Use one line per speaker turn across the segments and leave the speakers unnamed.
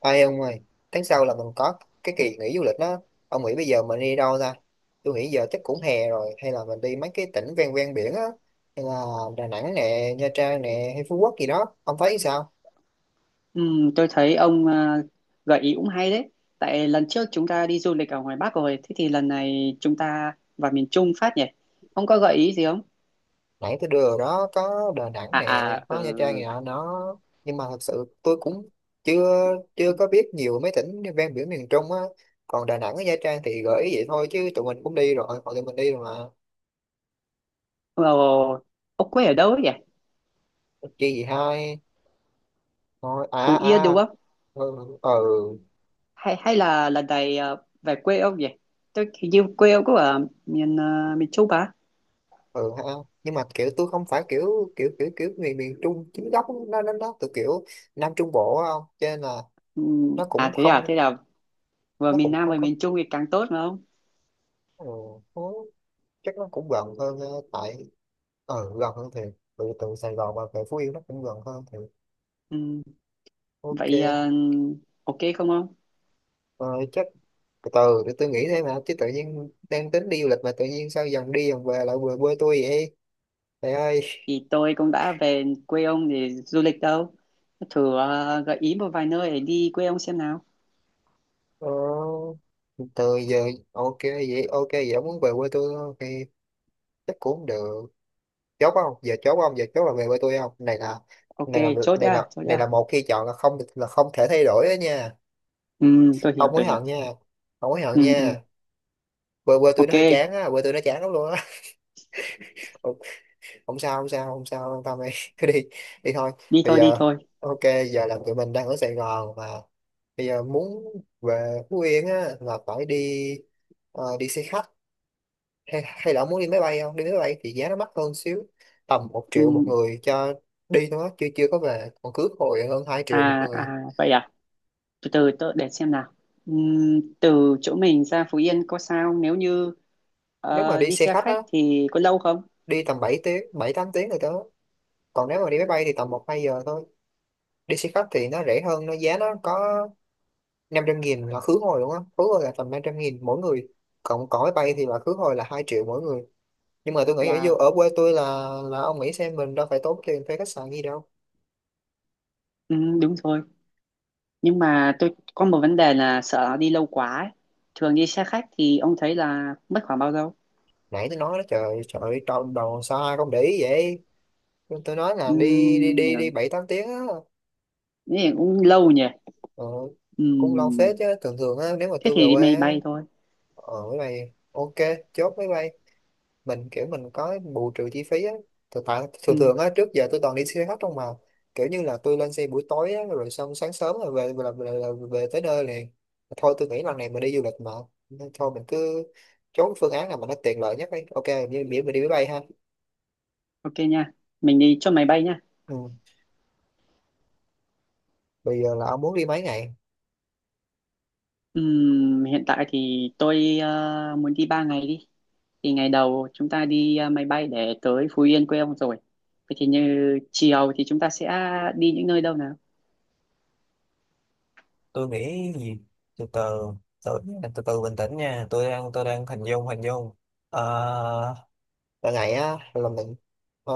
Ai ông ơi, tháng sau là mình có cái kỳ nghỉ du lịch đó. Ông nghĩ bây giờ mình đi đâu ta? Tôi nghĩ giờ chắc cũng hè rồi, hay là mình đi mấy cái tỉnh ven ven biển á, hay là Đà Nẵng nè, Nha Trang nè, hay Phú Quốc gì đó. Ông thấy sao?
Tôi thấy ông à, gợi ý cũng hay đấy. Tại lần trước chúng ta đi du lịch ở ngoài Bắc rồi, thế thì lần này chúng ta vào miền Trung phát nhỉ? Ông có gợi ý gì không?
Nãy tôi đưa rồi đó, có Đà Nẵng
À
nè,
à,
có
ừ.
Nha Trang gì đó, đó. Nhưng mà thật sự tôi cũng chưa chưa có biết nhiều mấy tỉnh ven biển miền Trung á. Còn Đà Nẵng với Nha Trang thì gợi ý vậy thôi chứ tụi mình cũng đi rồi, họ tụi mình đi rồi mà.
Ồ, ông quê ở đâu ấy nhỉ?
Chi gì hai. Thôi à
Phú Yên
à.
đúng không?
Ừ, ừ.
Hay hay là lần này về quê ông nhỉ? Tôi hình như quê ông có ở miền Trung à?
Ừ ha, nhưng mà kiểu tôi không phải kiểu kiểu kiểu kiểu miền miền Trung chính gốc, nó từ kiểu Nam Trung Bộ á không, cho nên là nó cũng không,
Thế là vừa
nó
miền
cũng
Nam
không
vừa
có.
miền Trung thì càng tốt mà không?
Ừ, nó- chắc nó cũng gần hơn, tại gần hơn thì từ từ Sài Gòn và về Phú Yên nó cũng gần hơn thì
Ừm,
ok.
Vậy à, ok không ông?
Rồi chắc từ từ để tôi nghĩ thêm, mà chứ tự nhiên đang tính đi du lịch mà tự nhiên sao dần đi dần về lại về quê tôi vậy trời ơi.
Thì tôi cũng đã về quê ông để du lịch đâu. Thử gợi ý một vài nơi để đi quê ông xem nào.
Ờ, từ giờ ok vậy, ok vậy ông muốn về quê tôi không? Thì chắc cũng được. Chốt không giờ, chốt không giờ, chốt là về với tôi không này là.
Ok.
Này là
Chốt
này
nha
là,
chốt
này là
nha.
một khi chọn là không, là không thể thay đổi đó nha.
Ừ, tôi
Không
hiểu
hối
tôi hiểu.
hận nha, không hối hận
Ừ, ừ.
nha. Quê quê tôi nó
Ok.
hơi chán á, quê tôi nó chán lắm luôn á. Không, không sao không sao không sao, không tâm đi. Cứ đi, đi thôi.
Đi
Bây
thôi đi
giờ
thôi.
ok, giờ là tụi mình đang ở Sài Gòn mà bây giờ muốn về Phú Yên á là phải đi, đi xe khách. Hay là ông muốn đi máy bay không? Đi máy bay thì giá nó mắc hơn xíu. Tầm 1 triệu một
Ừ,
người cho đi thôi á, chưa chưa có về. Còn cước hồi hơn 2 triệu một
à
người.
à vậy à. Từ từ tôi để xem nào. Ừ, từ chỗ mình ra Phú Yên có sao nếu như
Nếu mà đi
đi
xe
xe
khách
khách
á,
thì có lâu không?
đi tầm 7 tiếng, 7 8 tiếng rồi đó. Còn nếu mà đi máy bay thì tầm một 2 giờ thôi. Đi xe khách thì nó rẻ hơn, nó giá nó có 500 nghìn là khứ hồi luôn á. Khứ hồi là tầm 500 nghìn mỗi người. Còn còn máy bay thì là khứ hồi là 2 triệu mỗi người. Nhưng mà tôi nghĩ ở vô
Wow.
ở quê tôi là ông nghĩ xem mình đâu phải tốn tiền thuê khách sạn gì đâu.
Ừ, đúng rồi. Nhưng mà tôi có một vấn đề là sợ nó đi lâu quá ấy. Thường đi xe khách thì ông thấy là mất khoảng bao lâu?
Nãy tôi nói đó, trời trời ơi, đầu đầu sao ai không để ý vậy? Nhưng tôi nói là
Ừ,
đi đi đi đi
nếu-
bảy tám tiếng á.
nếu cũng lâu nhỉ.
Ờ,
Ừ,
cũng lâu phết chứ, thường thường á nếu mà
thế
tôi về
thì đi
quê
máy
á,
bay thôi.
ở máy bay ok, chốt máy bay. Mình kiểu mình có bù trừ chi phí á, thực tại thường
Ừ,
thường á trước giờ tôi toàn đi xe khách không mà, kiểu như là tôi lên xe buổi tối á rồi xong sáng sớm là về tới nơi liền. Thôi tôi nghĩ lần này mình đi du lịch mà, nên thôi mình cứ chốt phương án nào mà nó tiện lợi nhất đi, ok như biển mình đi máy bay ha.
ok nha. Mình đi chốt máy bay nha.
Ừ. Bây giờ là ông muốn đi mấy ngày?
Hiện tại thì tôi muốn đi 3 ngày đi. Thì ngày đầu chúng ta đi máy bay để tới Phú Yên quê ông rồi. Vậy thì như chiều thì chúng ta sẽ đi những nơi đâu nào?
Tôi nghĩ gì, từ từ, tôi từ từ, bình tĩnh nha, tôi đang, tôi đang hình dung, hình dung. Ờ, cả ngày á là mình, ờ,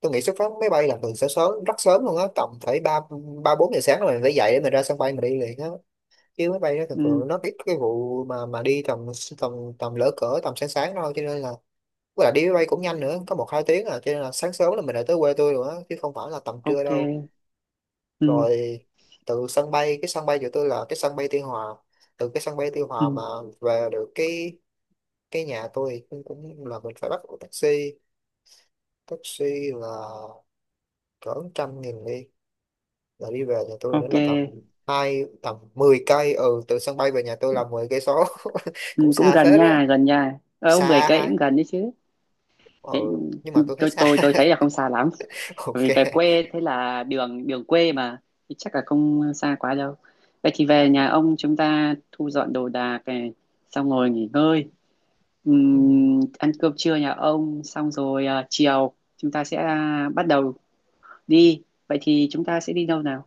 tôi nghĩ xuất phát máy bay là mình sẽ sớm, rất sớm luôn á, tầm phải ba, ba bốn giờ sáng là mình phải dậy để mình ra sân bay mình đi liền á, chứ máy bay nó thường
Ừm,
thường nó ít cái vụ mà đi tầm, tầm tầm lỡ cỡ tầm sáng sáng thôi, cho nên là với lại đi máy bay cũng nhanh nữa, có một hai tiếng à, cho nên là sáng sớm là mình đã tới quê tôi rồi á chứ không phải là tầm trưa đâu.
ok. Ừm,
Rồi từ sân bay, cái sân bay của tôi là cái sân bay Tuy Hòa, từ cái sân bay Tuy Hòa mà
ừm,
về được cái nhà tôi cũng, cũng là mình phải bắt taxi, taxi là cỡ trăm nghìn đi, là đi về nhà tôi nữa
ok.
là tầm hai, tầm 10 cây. Ừ, từ sân bay về nhà tôi là 10 cây số. Cũng
Cũng
xa
gần
phết á,
nha, gần nha. Ở 10
xa
cây
hai.
cũng gần đấy chứ.
Ừ,
Thế
nhưng mà tôi thấy
tôi
xa.
tôi tôi thấy là không xa lắm.
Ok.
Bởi vì về quê thế là đường đường quê mà thì chắc là không xa quá đâu. Vậy thì về nhà ông chúng ta thu dọn đồ đạc này, xong ngồi nghỉ ngơi,
Ừ.
Ăn cơm trưa nhà ông, xong rồi chiều chúng ta sẽ bắt đầu đi. Vậy thì chúng ta sẽ đi đâu nào?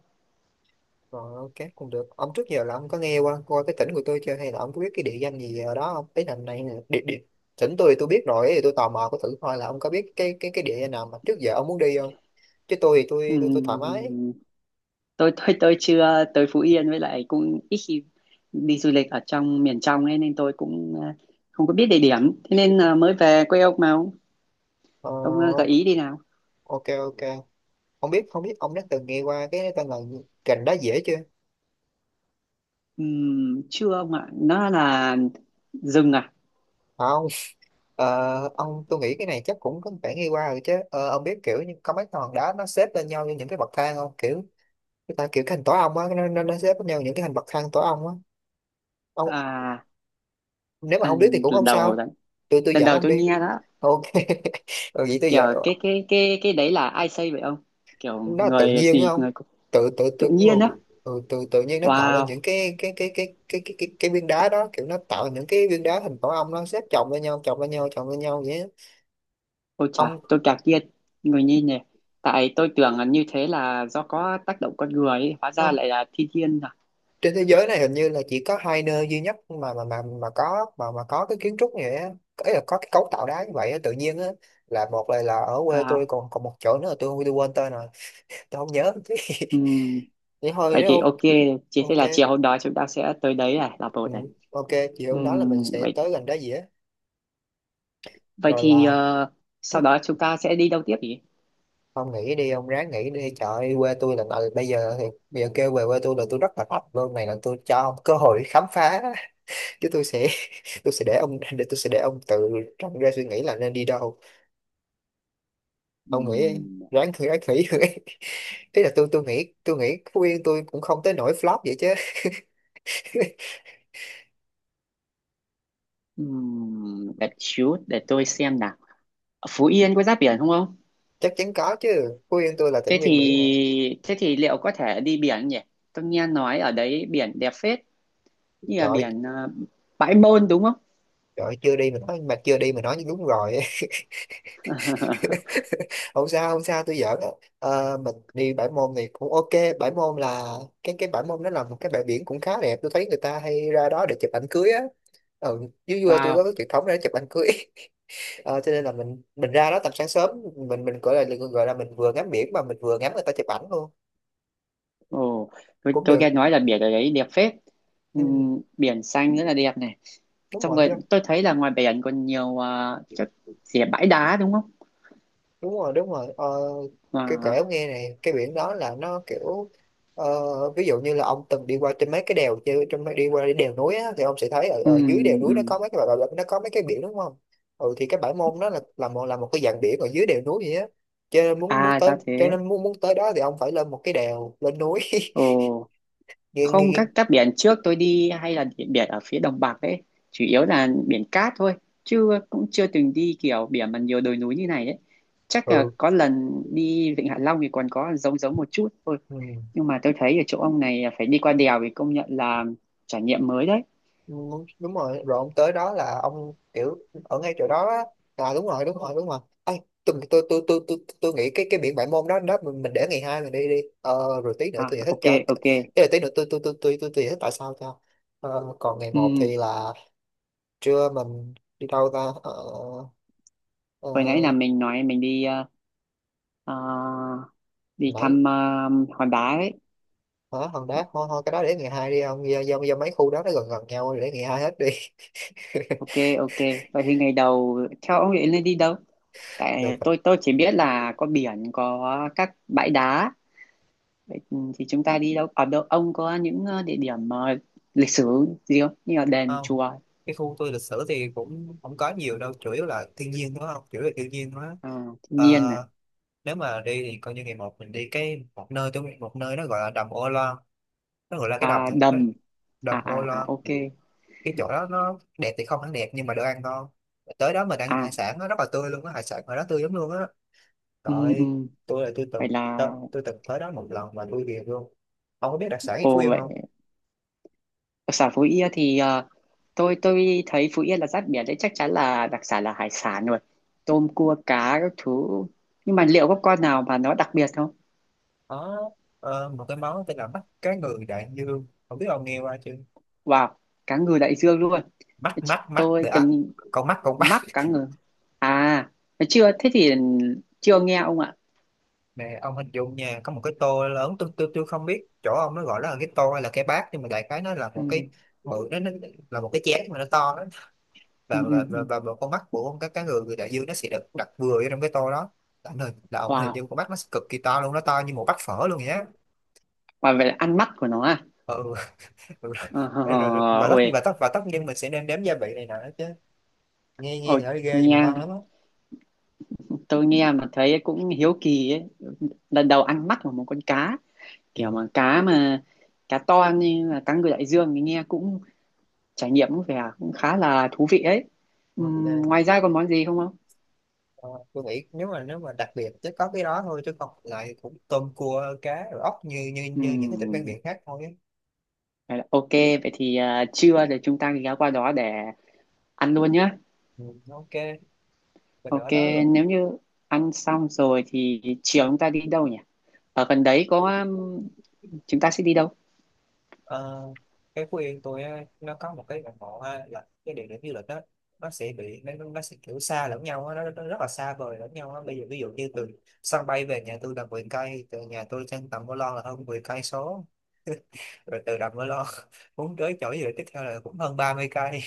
Rồi ok cũng được. Ông trước giờ là ông có nghe qua qua cái tỉnh của tôi chưa, hay là ông có biết cái địa danh gì ở đó không? Ý là này nè, địa địa tỉnh tôi thì tôi biết rồi, thì tôi tò mò có thử coi là ông có biết cái địa danh nào mà trước giờ ông muốn đi không? Chứ tôi thì tôi thoải mái.
Ừm, tôi chưa tới Phú Yên với lại cũng ít khi đi du lịch ở trong miền trong ấy nên tôi cũng không có biết địa điểm. Thế nên là mới về quê ông mà ông,
Ờ,
ông à, gợi ý đi nào.
ok ok. Không biết, không biết ông đã từng nghe qua cái tên là gành đá dễ chưa?
Chưa ông ạ, nó là rừng à.
À, không. Ờ, ông tôi nghĩ cái này chắc cũng có phải nghe qua rồi chứ. Ờ, ông biết kiểu như có mấy cái hòn đá nó xếp lên nhau như những cái bậc thang không? Kiểu người ta kiểu cái hình tổ ong á, nó xếp lên nhau những cái hình bậc thang tổ ong á. Ông
À,
nếu mà không biết thì
anh
cũng
lần
không
đầu
sao,
đấy.
tôi
Lần
dẫn
đầu
ông
tôi
đi
nghe đó.
ok. Rồi vậy tôi
Kiểu
dẫn,
cái đấy là ai xây vậy ông? Kiểu
nó là tự
người
nhiên đúng
gì
không,
người cũng-
tự tự tự
tự
ừ,
nhiên đó.
ừ, tự tự nhiên nó tạo ra
Wow.
những cái cái viên đá đó, kiểu nó tạo ra những cái viên đá hình tổ ong, nó xếp chồng lên nhau, chồng lên nhau, chồng lên nhau vậy á.
Ôi chà
Ông
tôi ngạc nhiên. Người như nhỉ. Tại tôi tưởng là như thế là do có tác động con người ấy. Hóa ra
không,
lại là thiên nhiên à.
trên thế giới này hình như là chỉ có hai nơi duy nhất mà có mà có cái kiến trúc như vậy á. Có- là có cái cấu tạo đá như vậy á, tự nhiên á, là một là ở quê tôi,
à
còn còn một chỗ nữa là tôi quên tên rồi, tôi không nhớ. Chứ
ừm,
vậy thôi
vậy
nếu
thì
ok.
ok. Chỉ thế
Ok.
là chiều hôm đó chúng ta sẽ tới đấy này là
Ừ.
một này.
Ok. Chiều hôm đó là mình sẽ
Vậy
tới gần đó gì á,
vậy
rồi
thì
là
sau
lúc,
đó chúng ta sẽ đi đâu tiếp nhỉ?
ông nghỉ đi, ông ráng nghỉ đi trời ơi, quê tôi là- bây giờ thì bây giờ kêu về quê tôi là tôi rất là thích luôn, này là tôi cho ông cơ hội khám phá. Chứ tôi sẽ, tôi sẽ để ông, để tôi sẽ để ông tự trong ra suy nghĩ là nên đi đâu, ông nghĩ,
Ừm,
ráng thử ráng nghĩ. Thế là tôi nghĩ, tôi nghĩ Phú Yên tôi cũng không tới nỗi flop vậy chứ.
Để xíu để tôi xem nào. Ở Phú Yên có giáp biển không không?
Chắc chắn có chứ, Phú Yên tôi là tỉnh
Thế
ven biển mà.
thì thế thì liệu có thể đi biển nhỉ? Tôi nghe nói ở đấy biển đẹp phết, như là
Trời,
biển Bãi Môn đúng không?
trời chưa đi mà nói, mà chưa đi mà nói như đúng rồi. Không sao không sao, tôi giỡn á. Ờ, mình đi bãi môn thì cũng ok. Bãi môn là, cái bãi môn đó là một cái bãi biển cũng khá đẹp, tôi thấy người ta hay ra đó để chụp ảnh cưới á. Ừ, dưới quê tôi có
Wow,
cái truyền thống để chụp ảnh cưới. Ờ, cho nên là mình ra đó tầm sáng sớm, mình gọi là, gọi là mình vừa ngắm biển mà mình vừa ngắm người ta chụp ảnh luôn,
ồ, tôi,
cũng
tôi nghe
được.
nói là biển ở đấy đẹp phết.
Ừ,
Biển xanh rất là đẹp này.
đúng
Xong
rồi,
rồi tôi thấy là ngoài biển còn nhiều chỗ gì là bãi đá đúng không?
đúng rồi, đúng rồi. Ờ, cái kể
Wow.
ông nghe này, cái biển đó là nó kiểu, ờ, ví dụ như là ông từng đi qua trên mấy cái đèo chứ, trong mấy đi qua cái đèo núi á, thì ông sẽ thấy ở, ở dưới đèo
Ừm,
núi nó
ừm.
có mấy cái bãi bãi- nó có mấy cái biển đúng không. Ừ, thì cái bãi môn đó là, là một cái dạng biển ở dưới đèo núi vậy á. Cho nên muốn muốn
À
tới
ra
cho
thế.
nên muốn muốn tới đó thì ông phải lên một cái đèo lên núi.
Ồ.
Nghe
Không,
nghe.
các biển trước tôi đi hay là biển ở phía đồng bằng ấy chủ yếu là biển cát thôi, chứ cũng chưa từng đi kiểu biển mà nhiều đồi núi như này đấy. Chắc là
Ừ.
có lần đi Vịnh Hạ Long thì còn có giống giống một chút thôi.
ừ
Nhưng mà tôi thấy ở chỗ ông này phải đi qua đèo thì công nhận là trải nghiệm mới đấy.
đúng, đúng rồi rồi ông tới đó là ông kiểu ở ngay chỗ đó á. Đúng rồi. Ê, tôi nghĩ cái biển Bãi Môn đó đó mình để ngày hai mình đi đi ờ, Rồi tí nữa
À,
tôi giải thích
ok
cho cái
ok.
là tí nữa tôi giải thích tại sao cho. ờ, Còn ngày một
Ừ,
thì là trưa mình đi đâu ta? Ờ,
hồi nãy
ờ,
là mình nói mình đi ờ, đi
Nãy
thăm hòn đá ấy.
hả? Hòn Đá thôi, thôi cái đó để ngày hai đi ông, do mấy khu đó nó gần gần nhau, để ngày hai hết đi.
Ok. Ok, vậy thì ngày đầu theo ông định nên đi đâu? Tại
được
tôi chỉ biết là có biển, có các bãi đá. Vậy thì chúng ta đi đâu ở đâu ông có những địa điểm lịch sử gì không như là đền
không?
chùa?
Cái khu tôi lịch sử thì cũng không có nhiều đâu, chủ yếu là thiên nhiên đúng không, chủ yếu là thiên nhiên đó.
Ờ, thiên nhiên này.
Ờ, nếu mà đi thì coi như ngày một mình đi cái một nơi, tôi biết một nơi nó gọi là đầm Ô Loan. Nó gọi là cái đầm
À,
thôi, nó
đầm. À
đầm Ô
à à,
Loan.
ok.
Cái chỗ đó nó đẹp thì không hẳn đẹp nhưng mà đồ ăn ngon, tới đó mình ăn
À.
hải sản nó rất là tươi luôn á, hải sản ở đó tươi lắm luôn á.
Ừ, ừ.
Rồi tôi là tôi
Vậy
từng
là
tôi, tôi từng tới đó một lần mà tôi ghiền luôn. Ông có biết đặc sản ở Phú
ồ
Yên
vậy.
không?
Đặc sản Phú Yên thì tôi thấy Phú Yên là giáp biển đấy, chắc chắn là đặc sản là hải sản rồi, tôm cua cá các thứ. Nhưng mà liệu có con nào mà nó đặc biệt không?
Có, một cái món tên là mắt cá ngừ đại dương, không biết ông nghe qua chưa.
Wow, cá ngừ đại dương luôn.
Mắt mắt mắt
Tôi
để,
từng
con mắt, con mắt.
mắc cá ngừ. À, chưa thế thì chưa nghe ông ạ.
Nè ông hình dung nha, có một cái tô lớn, tôi không biết chỗ ông nó gọi nó là cái tô hay là cái bát, nhưng mà đại khái nó là một
Ừ,
cái bự, nó là một cái chén mà nó to đó.
ừ,
và
ừ,
và và,
ừ.
và, và con mắt của ông, các cái người người đại dương nó sẽ được đặt vừa vô trong cái tô đó. Là ông hình
Wow,
dung con mắt nó sẽ cực kỳ to luôn, nó to như một bát phở luôn vậy á.
và vậy là ăn mắt của nó à?
Ừ. rồi,
Ờ, hờ,
rồi,
hờ,
và tất nhiên, và
ôi,
tất và tất nhiên mình sẽ nên đếm gia vị này nọ nữa chứ. Nghe nghe
ôi
thì nó ghê nhưng mà
nghe.
ngon lắm á.
Tôi nghe mà thấy cũng hiếu kỳ ấy. Lần đầu ăn mắt của một con cá. Kiểu
Gì?
mà cá to như là cá ngừ đại dương thì nghe cũng trải nghiệm cũng vẻ cũng khá là thú vị ấy.
Ok.
Ngoài ra còn món gì không không?
Ờ, tôi nghĩ nếu mà đặc biệt chứ có cái đó thôi, chứ còn lại cũng tôm cua cá rồi ốc, như như như những cái tỉnh ven
Ừm,
biển khác thôi á.
vậy là ok, vậy thì trưa thì chúng ta ghé qua đó để ăn luôn nhá.
Ừ, ok, mình
Ok,
đã nói rồi.
nếu như ăn xong rồi thì chiều chúng ta đi đâu nhỉ? Ở gần đấy có chúng ta sẽ đi đâu?
Ờ, cái Phú Yên tôi á, nó có một cái ngọn ngọt ha, là cái địa điểm du lịch đó. Nó sẽ bị nó, nó sẽ kiểu xa lẫn nhau á, nó rất là xa vời lẫn nhau á. Bây giờ ví dụ như từ sân bay về nhà tôi là 10 cây, từ nhà tôi sang tầm Mơ lon là hơn 10 cây số. rồi từ đầm Mơ lon muốn tới chỗ gì tiếp theo là cũng hơn 30 cây.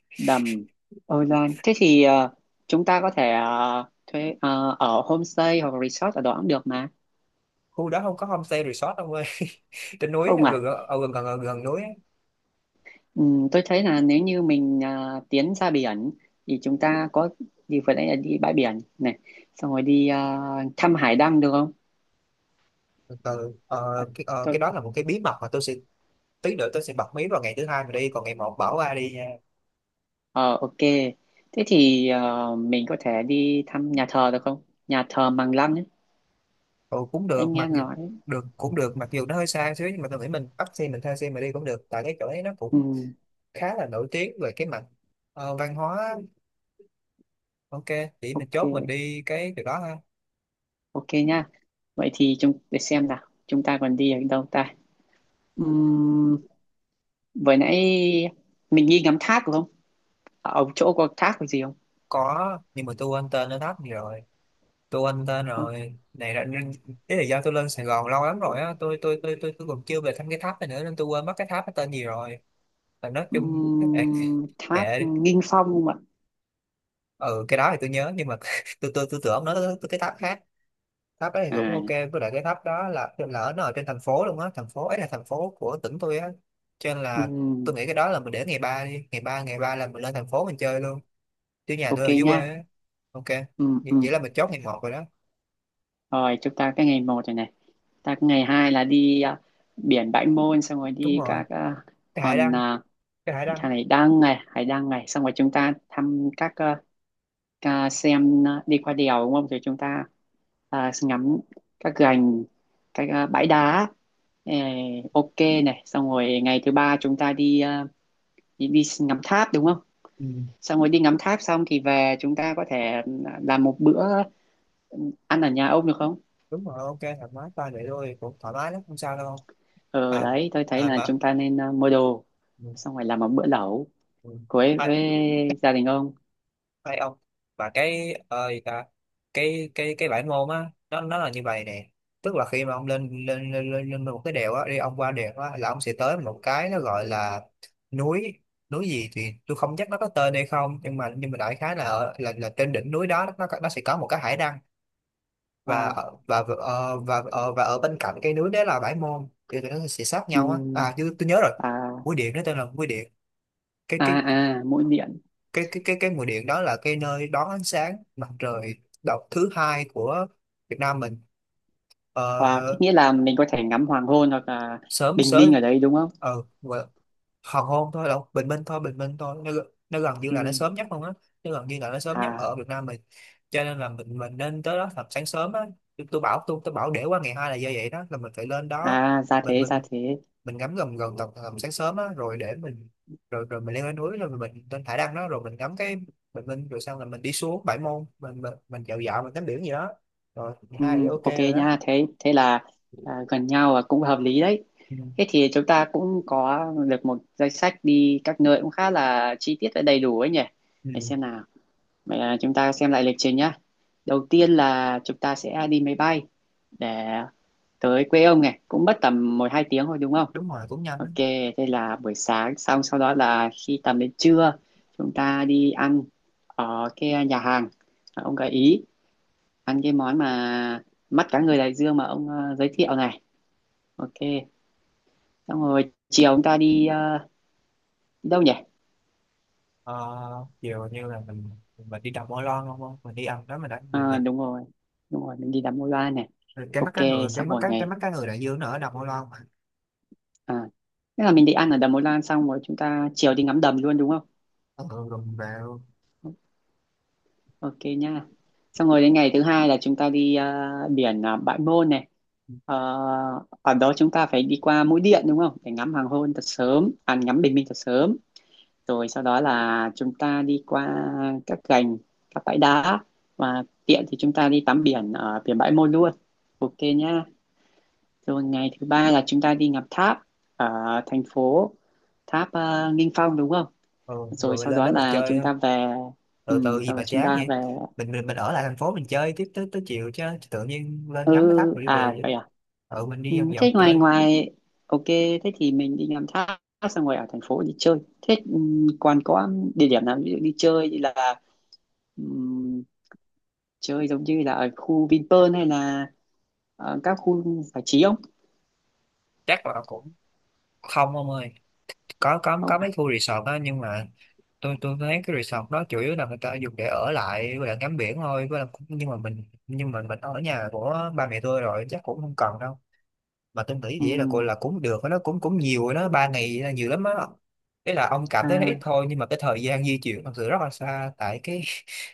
Đầm, Ôi Loan. Thế thì chúng ta có thể thuê ở homestay hoặc resort ở đó cũng được mà.
khu đó không có homestay resort đâu ơi. trên núi á,
Không
gần
à?
ở gần gần, gần núi á.
Tôi thấy là nếu như mình tiến ra biển thì chúng ta có đi vừa nãy là đi bãi biển này, xong rồi đi thăm hải đăng được không?
Từ,
Ờ,
cái,
tôi,
cái đó là một cái bí mật mà tôi sẽ tí nữa tôi sẽ bật mí vào ngày thứ hai mà đi, còn ngày một bảo ai đi nha.
ờ, ok. Thế thì mình có thể đi thăm nhà thờ được không? Nhà thờ Măng Lăng ấy.
Ừ, cũng
Anh
được
nghe
mặc
em
dù
nói.
được, cũng được mặc dù nó hơi xa xíu, nhưng mà tôi nghĩ mình bắt xe, mình thuê xe mà đi cũng được tại cái chỗ ấy nó
Ừ,
cũng khá là nổi tiếng về cái mặt văn hóa. Ok, chỉ mình chốt mình
ok.
đi cái chỗ đó ha.
Ok nha. Vậy thì chúng để xem nào, chúng ta còn đi ở đâu ta? Ừm, vừa nãy mình đi ngắm thác đúng không, ở chỗ có thác có gì không?
Có, nhưng mà tôi quên tên nó thấp rồi. Tôi anh tên
Thôi,
rồi này là nên- đấy là do tôi lên Sài Gòn lâu lắm rồi á, tôi còn chưa về thăm cái tháp này nữa nên tôi quên mất cái tháp nó tên gì rồi. Mà nói chung kệ,
thác
kệ đi.
Nghinh Phong không ạ?
Ừ, cái đó thì tôi nhớ, nhưng mà tôi tưởng nó tới tới cái tháp khác. Tháp đấy thì cũng
à
ok, với lại cái tháp đó là lỡ nó ở trên thành phố luôn á, thành phố ấy là thành phố của tỉnh tôi á. Cho nên là
ừm,
tôi nghĩ cái đó là mình để ngày ba đi, ngày ba là mình lên thành phố mình chơi luôn, chứ nhà tôi
ok
ở dưới
nha.
quê á. Ok,
Ừ,
vậy
ừ.
vậy là mình chốt ngày một rồi đó.
Rồi chúng ta cái ngày một rồi này. Ta cái ngày hai là đi biển Bãi Môn xong rồi
Đúng
đi
rồi,
các
cái hải
hòn
đăng cái hải đăng.
thằng này đăng này, hải đăng này, xong rồi chúng ta thăm các xem đi qua đèo đúng không? Rồi chúng ta ngắm các gành, các bãi đá. Ê, ok này, xong rồi ngày thứ ba chúng ta đi đi ngắm tháp đúng không? Xong rồi đi ngắm tháp xong thì về chúng ta có thể làm một bữa ăn ở nhà ông được không?
Đúng rồi. Ok, thoải mái toàn vậy thôi, cũng thoải mái lắm không sao đâu.
Ờ
À,
đấy, tôi thấy
à
là
mà,
chúng ta nên mua đồ
ừ,
xong rồi làm một bữa lẩu
ừ.
cuối
Hai,
với gia đình ông.
hai ông. Và cái ơi ta, cái bảng môn á nó là như vậy nè. Tức là khi mà ông lên lên lên lên, lên một cái đèo á, đi ông qua đèo á là ông sẽ tới một cái nó gọi là núi. Núi gì thì tôi không chắc nó có tên hay không, nhưng mà đại khái là ở- là trên đỉnh núi đó nó có- nó sẽ có một cái hải đăng. và
Wow.
ở- và ờ, và ờ, và ở bên cạnh cây núi đấy là Bãi Môn, thì tụi nó sẽ sát nhau á.
Ừm,
À chứ tôi nhớ rồi,
à
mũi điện, nó tên là mũi điện. cái
à
cái
à mũi điện.
cái cái cái cái mũi điện đó là cái nơi đón ánh sáng mặt trời đầu thứ hai của Việt Nam mình. ờ,
Wow, thế nghĩa là mình có thể ngắm hoàng hôn hoặc là
sớm
bình minh
sớm
ở đấy đúng không?
Ờ gọi- hoàng hôn thôi đâu, bình minh thôi, bình minh thôi, nó gần như là nó
Ừm,
sớm nhất luôn á. Nó gần như là nó sớm nhất
à
ở Việt Nam mình, cho nên là mình nên tới đó thật sáng sớm á. Tôi bảo để qua ngày hai là do vậy đó, là mình phải lên đó.
à ra
mình
thế ra
mình
thế.
mình ngắm gần gần tầm tầm sáng sớm á rồi để mình, rồi rồi mình leo lên núi rồi mình lên thải đăng đó, rồi mình ngắm cái bình minh, rồi xong là mình đi xuống Bãi Môn mình dạo dạo mình tắm biển gì đó rồi. Hai thì ok
Ok
rồi đó.
nha, thế thế là gần nhau và cũng hợp lý đấy.
Ừ.
Thế thì chúng ta cũng có được một danh sách đi các nơi cũng khá là chi tiết và đầy đủ ấy nhỉ. Để
Ừ.
xem nào. Vậy là chúng ta xem lại lịch trình nhá. Đầu tiên là chúng ta sẽ đi máy bay để tới quê ông này, cũng mất tầm 1-2 tiếng thôi đúng không?
Đúng rồi cũng nhanh đó.
Ok, thế là buổi sáng xong, sau đó là khi tầm đến trưa chúng ta đi ăn ở cái nhà hàng mà ông gợi ý, ăn cái món mà mắt cá ngừ đại dương mà ông giới thiệu này. Ok, xong rồi chiều chúng ta đi đi đâu nhỉ?
Ờ, kiểu như là mình đi đầm Ô Loan không, không mình đi ăn đó mình đã mình
Ờ,
định.
đúng rồi, đúng rồi, mình đi đắm môi Loan này.
Rồi cái mắt
Ok,
cá ngừ, cái
xong
mức
rồi
cá cái
này.
mắt cá ngừ đại dương nó ở đầm Ô Loan mà.
À, tức là mình định ăn ở đầm Ô Lan xong rồi chúng ta chiều đi ngắm đầm luôn đúng không?
Ừ, rồi mình vào.
Ok nha. Xong rồi đến ngày thứ hai là chúng ta đi biển Bãi Môn này. Ờ, ở đó chúng ta phải đi qua Mũi Điện đúng không? Để ngắm hoàng hôn thật sớm, à, ngắm bình minh thật sớm. Rồi sau đó là chúng ta đi qua các gành, các bãi đá và tiện thì chúng ta đi tắm biển ở biển Bãi Môn luôn. Ok nha. Rồi ngày thứ ba là chúng ta đi ngắm tháp ở thành phố, Tháp Nghinh Phong đúng không?
Ừ, rồi
Rồi
mình
sau
lên
đó
đó mình
là
chơi,
chúng ta về.
từ từ
Ừ,
gì
rồi
mà
chúng
chán
ta
vậy.
về.
Mình ở lại thành phố mình chơi tiếp tới tới chiều, chứ chứ tự nhiên lên
Ừ,
ngắm cái tháp rồi đi về
à
vậy.
vậy à.
Ừ mình
Ừ,
đi vòng
thế
vòng
ngoài
chơi.
ngoài ok thế thì mình đi làm thác xong rồi ở thành phố đi chơi thế. Ừ, còn có địa điểm nào ví dụ đi chơi như là, ừ, chơi giống như là ở khu Vinpearl hay là ở các khu giải trí không?
Chắc là cũng không ông ơi, có có
Không
có
phải.
mấy khu resort đó nhưng mà tôi thấy cái resort đó chủ yếu là người ta dùng để ở lại với ngắm biển thôi, với lại cũng- nhưng mà mình, nhưng mà mình ở nhà của ba mẹ tôi rồi chắc cũng không cần đâu. Mà tôi nghĩ vậy là
Ừ,
gọi là cũng được á, nó cũng cũng nhiều rồi đó, ba ngày là nhiều lắm á. Đấy là ông cảm thấy nó ít
à.
thôi, nhưng mà cái thời gian di chuyển thật sự rất là xa tại cái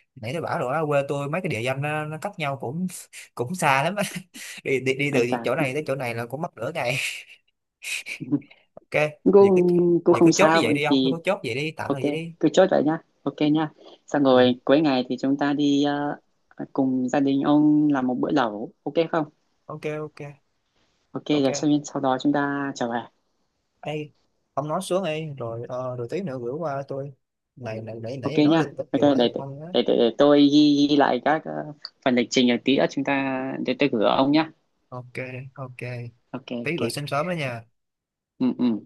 nãy tôi bảo rồi á, quê tôi mấy cái địa danh nó cách nhau cũng cũng xa lắm á. đi, đi đi
Ai
từ
chả.
chỗ này tới chỗ này là cũng mất nửa ngày. Ok, vậy cứ
cũng cũng
vậy cứ
không
chốt như
sao
vậy đi, ông cứ
thì
chốt vậy đi, tạm
ok,
thời vậy đi.
cứ chốt vậy nhá, ok nhá. Xong
Ừ.
rồi cuối ngày thì chúng ta đi cùng gia đình ông làm một bữa lẩu ok không?
Ok, ok,
Ok Rồi
ok.
sau đó chúng ta trở về.
Ê, ông nói xuống đi rồi rồi tí nữa gửi qua tôi, này này nãy
Ok
nãy nói
nhá,
linh tinh
ok
nhiều
để
quá
để,
rồi không á.
để, để, để tôi ghi lại các phần lịch trình rồi tí nữa chúng ta, để tôi gửi ông nhá.
Ok, ok.
Ok
Tí
ok.
gửi sớm sớm đó nha.
Ừ ừ.